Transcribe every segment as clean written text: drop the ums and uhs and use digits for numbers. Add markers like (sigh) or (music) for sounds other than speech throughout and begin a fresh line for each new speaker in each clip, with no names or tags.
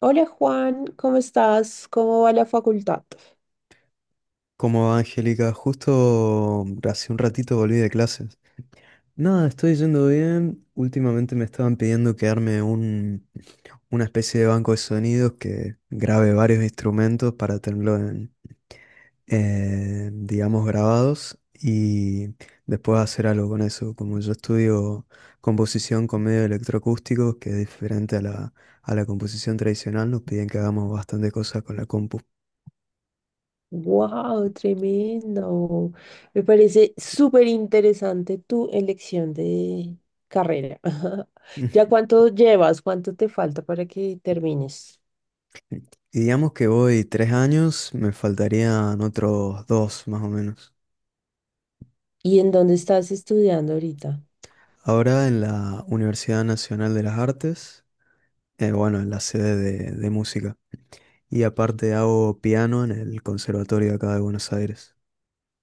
Hola Juan, ¿cómo estás? ¿Cómo va la facultad?
Cómo va, Angélica, justo hace un ratito volví de clases. Nada, estoy yendo bien. Últimamente me estaban pidiendo que arme una especie de banco de sonidos que grabe varios instrumentos para tenerlo, digamos, grabados y después hacer algo con eso. Como yo estudio composición con medios electroacústicos, que es diferente a a la composición tradicional, nos piden que hagamos bastantes cosas con la compu.
¡Wow! Tremendo. Me parece súper interesante tu elección de carrera. (laughs) ¿Ya
(laughs)
cuánto llevas? ¿Cuánto te falta para que termines?
Y digamos que voy tres años, me faltarían otros dos más o menos.
¿Y en dónde estás estudiando ahorita?
Ahora en la Universidad Nacional de las Artes, bueno, en la sede de música. Y aparte hago piano en el conservatorio de acá de Buenos Aires.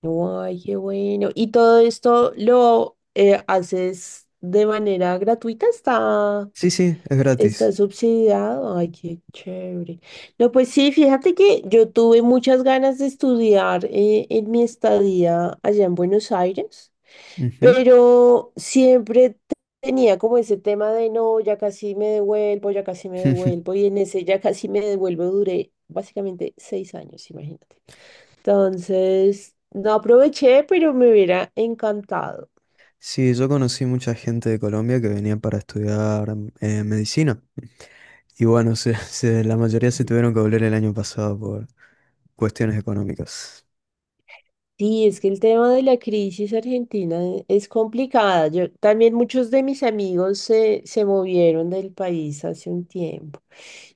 ¡Ay, qué bueno! ¿Y todo esto lo haces de manera gratuita? ¿Está
Sí, sí, es
Está
gratis.
subsidiado? Ay, qué chévere. No, pues sí, fíjate que yo tuve muchas ganas de estudiar en mi estadía allá en Buenos Aires,
Ujú.
pero tenía como ese tema de no, ya casi me devuelvo, ya casi me devuelvo,
(laughs)
y en ese ya casi me devuelvo duré básicamente 6 años, imagínate. Entonces, no aproveché, pero me hubiera encantado.
Sí, yo conocí mucha gente de Colombia que venía para estudiar medicina. Y bueno, (laughs) la mayoría se tuvieron que volver el año pasado por cuestiones económicas.
Sí, es que el tema de la crisis argentina es complicada. Yo también muchos de mis amigos se movieron del país hace un tiempo.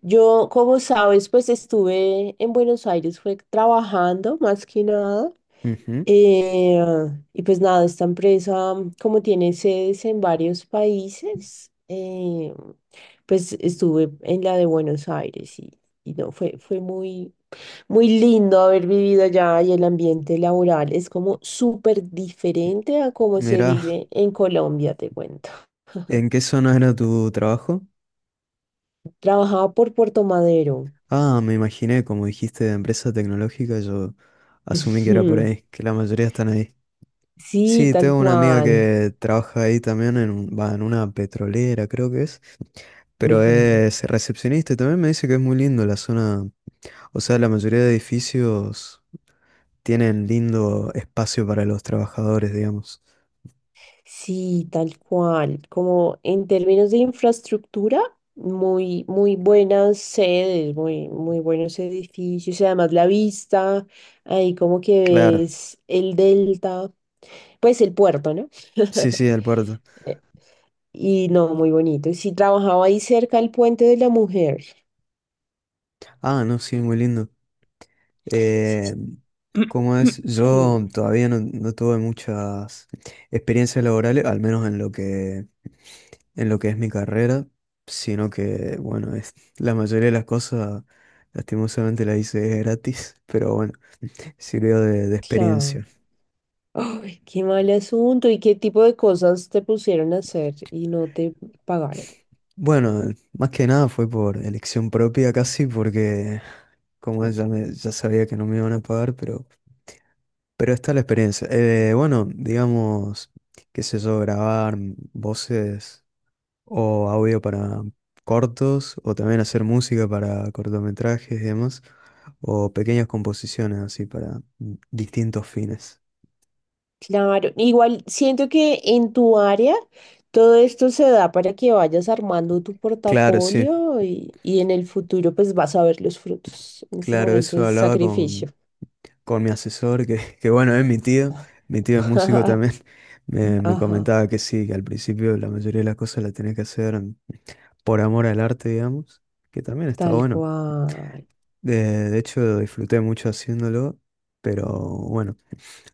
Yo, como sabes, pues estuve en Buenos Aires, fue trabajando más que nada.
Ujú.
Eh, y pues nada, esta empresa, como tiene sedes en varios países, pues estuve en la de Buenos Aires y no, fue muy, muy lindo haber vivido allá y el ambiente laboral es como súper diferente a cómo se
Mira,
vive en Colombia, te cuento.
¿en qué zona era tu trabajo?
Trabajaba por Puerto Madero.
Ah, me imaginé, como dijiste, de empresa tecnológica, yo asumí
(laughs)
que era por
Ujú.
ahí, que la mayoría están ahí.
Sí,
Sí,
tal
tengo una amiga
cual.
que trabaja ahí también, en una petrolera creo que es, pero
Ujú.
es recepcionista y también me dice que es muy lindo la zona, o sea, la mayoría de edificios tienen lindo espacio para los trabajadores, digamos.
Sí, tal cual. Como en términos de infraestructura, muy, muy buenas sedes, muy, muy buenos edificios y además la vista, ahí como que
Claro,
ves el delta, pues el puerto, ¿no?
sí,
(laughs)
sí, el puerto.
Y no, muy bonito. Y sí, trabajaba ahí cerca del Puente de la Mujer.
Ah, no, sí, muy lindo.
(clears throat) Sí, sí,
Eh, ¿Cómo es?
mm,
Yo todavía no tuve muchas experiencias laborales, al menos en lo que es mi carrera, sino que, bueno, es, la mayoría de las cosas, lastimosamente, las hice gratis, pero bueno, sirvió de
claro.
experiencia.
Ay, qué mal asunto. ¿Y qué tipo de cosas te pusieron a hacer y no te pagaron?
Bueno, más que nada fue por elección propia casi, porque como es, ya, ya sabía que no me iban a pagar, pero está la experiencia. Bueno, digamos, qué sé yo, grabar voces, o audio para cortos, o también hacer música para cortometrajes y demás, o pequeñas composiciones así para distintos fines.
Claro. Igual siento que en tu área todo esto se da para que vayas armando tu
Claro, sí,
portafolio y en el futuro pues vas a ver los frutos. En ese
claro,
momento
eso
es
hablaba
sacrificio.
con mi asesor, que bueno, es mi tío es músico
(laughs)
también, (laughs) me
Ajá,
comentaba que sí, que al principio la mayoría de las cosas las tenés que hacer por amor al arte, digamos, que también está
tal
bueno.
cual.
De hecho, disfruté mucho haciéndolo, pero bueno,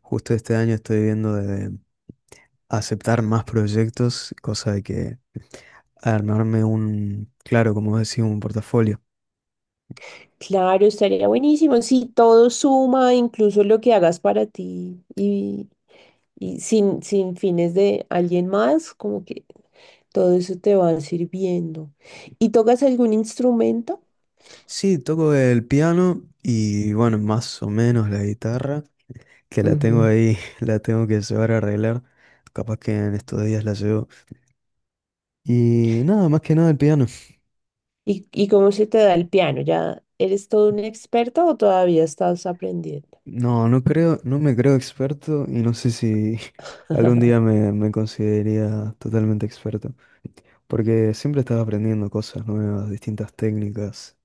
justo este año estoy viendo de aceptar más proyectos, cosa de que armarme un, claro, como decís, un portafolio.
Claro, estaría buenísimo. Sí, todo suma, incluso lo que hagas para ti y sin fines de alguien más, como que todo eso te va sirviendo. ¿Y tocas algún instrumento?
Sí, toco el piano y bueno, más o menos la guitarra, que la tengo
Ujú.
ahí, (laughs) la tengo que llevar a arreglar. Capaz que en estos días la llevo. Y nada, más que nada el piano.
¿Y cómo se te da el piano? ¿Ya eres todo un experto o todavía estás aprendiendo?
No, no creo, no me creo experto y no sé si (laughs) algún día
(laughs)
me consideraría totalmente experto, porque siempre estaba aprendiendo cosas nuevas, distintas técnicas.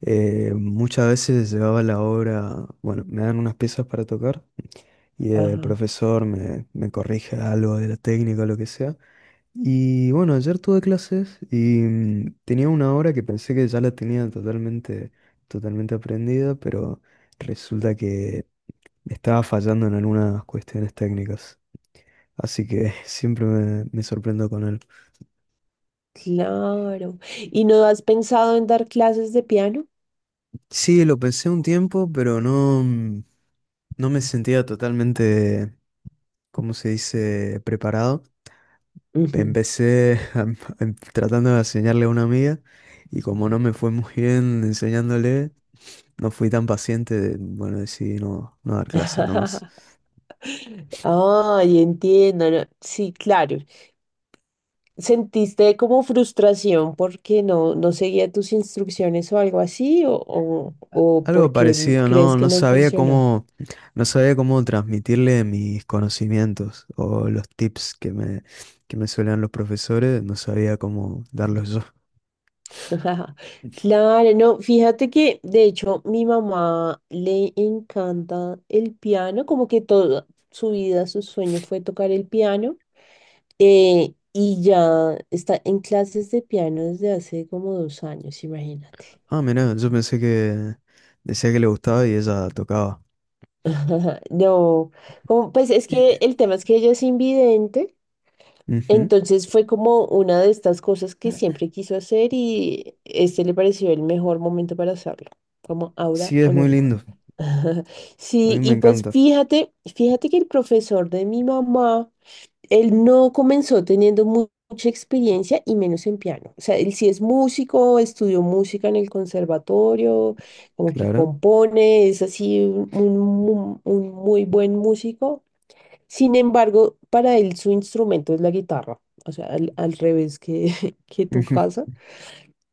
Muchas veces llevaba la obra, bueno, me dan unas piezas para tocar y el
Ajá,
profesor me corrige algo de la técnica o lo que sea. Y bueno, ayer tuve clases y tenía una obra que pensé que ya la tenía totalmente aprendida, pero… Resulta que estaba fallando en algunas cuestiones técnicas. Así que (laughs) siempre me sorprendo con él.
claro. ¿Y no has pensado en dar clases de piano?
Sí, lo pensé un tiempo, pero no me sentía totalmente, ¿cómo se dice?, preparado.
Ujú.
Empecé (laughs) tratando de enseñarle a una amiga y como no me fue muy bien enseñándole, no fui tan paciente de, bueno, decidí no dar clases nomás.
(laughs) Ay, entiendo. No, sí, claro. ¿Sentiste como frustración porque no seguía tus instrucciones o algo así? ¿O
Algo
porque
parecido, no,
crees
no
que no
sabía
funcionó?
cómo, no sabía cómo transmitirle mis conocimientos o los tips que que me suelen los profesores, no sabía cómo darlos yo.
(laughs) Claro, no, fíjate que de hecho mi mamá le encanta el piano, como que toda su vida su sueño fue tocar el piano y ya está en clases de piano desde hace como 2 años, imagínate.
Ah, mira, yo pensé que decía que le gustaba y ella tocaba.
(laughs) No, como, pues es que el tema es que ella es invidente.
Ujú.
Entonces fue como una de estas cosas que siempre quiso hacer y este le pareció el mejor momento para hacerlo, como ahora
Sí,
o
es muy
nunca.
lindo,
(laughs)
a mí
Sí,
me
y pues
encanta,
fíjate que el profesor de mi mamá, él no comenzó teniendo mucha experiencia y menos en piano. O sea, él sí es músico, estudió música en el conservatorio, como que
claro.
compone, es así un muy buen músico. Sin embargo, para él su instrumento es la guitarra, o sea, al revés que, (laughs) que tu
Ujú.
casa.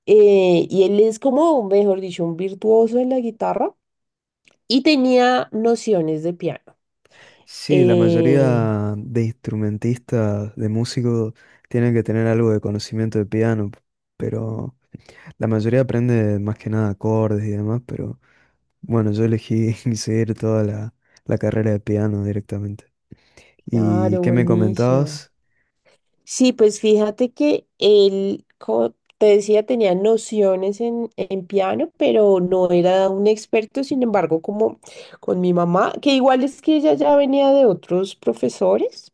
Y él es como, mejor dicho, un virtuoso en la guitarra y tenía nociones de piano.
Sí, la
Eh,
mayoría de instrumentistas, de músicos, tienen que tener algo de conocimiento de piano, pero la mayoría aprende más que nada acordes y demás, pero… Bueno, yo elegí (laughs) seguir toda la carrera de piano directamente. ¿Y
claro,
qué me
buenísimo.
comentabas?
Sí, pues fíjate que él, como te decía, tenía nociones en piano, pero no era un experto, sin embargo, como con mi mamá, que igual es que ella ya venía de otros profesores,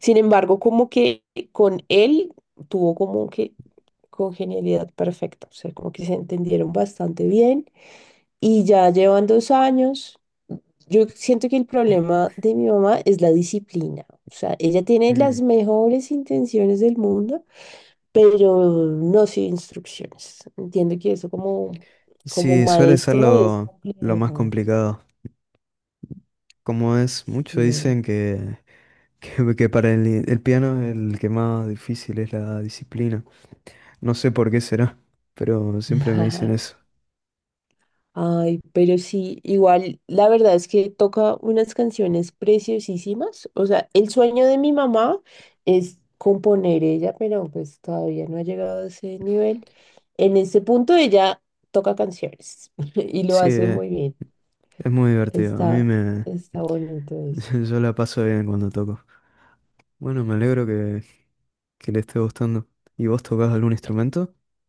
sin embargo, como que con él tuvo como que congenialidad perfecta, o sea, como que se entendieron bastante bien y ya llevan 2 años. Yo siento que el problema de mi mamá es la disciplina. O sea, ella tiene las
Mm.
mejores intenciones del mundo, pero no sin instrucciones. Entiendo que eso como, como
Sí, suele ser
maestro es
lo más
complejo.
complicado. Como es, muchos
Sí.
dicen que, (laughs) que para el piano el que más difícil es la disciplina. No sé por qué será, pero siempre me dicen
(laughs)
eso.
Ay, pero sí, igual la verdad es que toca unas canciones preciosísimas. O sea, el sueño de mi mamá es componer ella, pero pues todavía no ha llegado a ese nivel. En ese punto ella toca canciones (laughs) y lo
Sí,
hace muy bien.
es muy divertido. A mí
Está,
me…
está bonito eso.
(laughs) Yo la paso bien cuando toco. Bueno, me alegro que le esté gustando. ¿Y vos tocás algún instrumento? (laughs)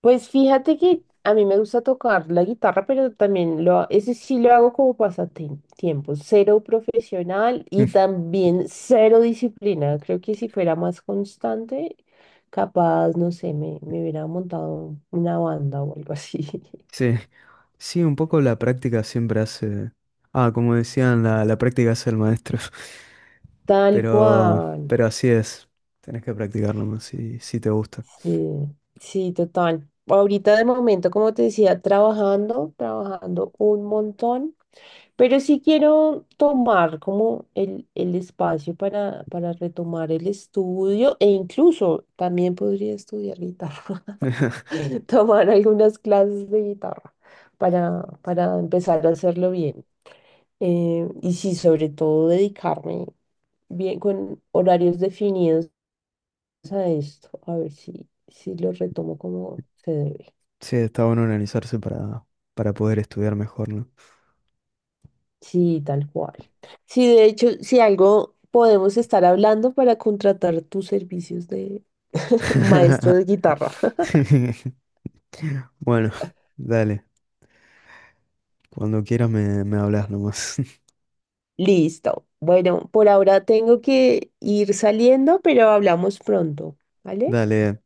Pues fíjate que a mí me gusta tocar la guitarra, pero también lo, ese sí lo hago como pasatiempo, cero profesional y
Mm.
también cero disciplina. Creo que si fuera más constante, capaz, no sé, me hubiera montado una banda o algo así.
Sí, sí, un poco la práctica siempre hace… Ah, como decían, la práctica hace el maestro. (laughs)
(laughs) Tal cual.
Pero así es. Tenés que practicar nomás si, si te gusta.
Sí, sí, total. Ahorita de momento, como te decía, trabajando, trabajando un montón, pero sí quiero tomar como el espacio para retomar el estudio e incluso también podría estudiar guitarra,
(laughs)
(laughs) tomar algunas clases de guitarra para empezar a hacerlo bien. Y sí, sobre todo dedicarme bien con horarios definidos a esto, a ver si, si lo retomo como se debe.
Sí, está bueno organizarse para poder estudiar mejor, ¿no?
Sí, tal cual. Sí, de hecho, si algo podemos estar hablando para contratar tus servicios de (laughs) maestro de guitarra. (laughs)
(laughs) Bueno, dale. Cuando quieras me hablas nomás.
Listo. Bueno, por ahora tengo que ir saliendo, pero hablamos pronto,
(laughs)
¿vale?
Dale.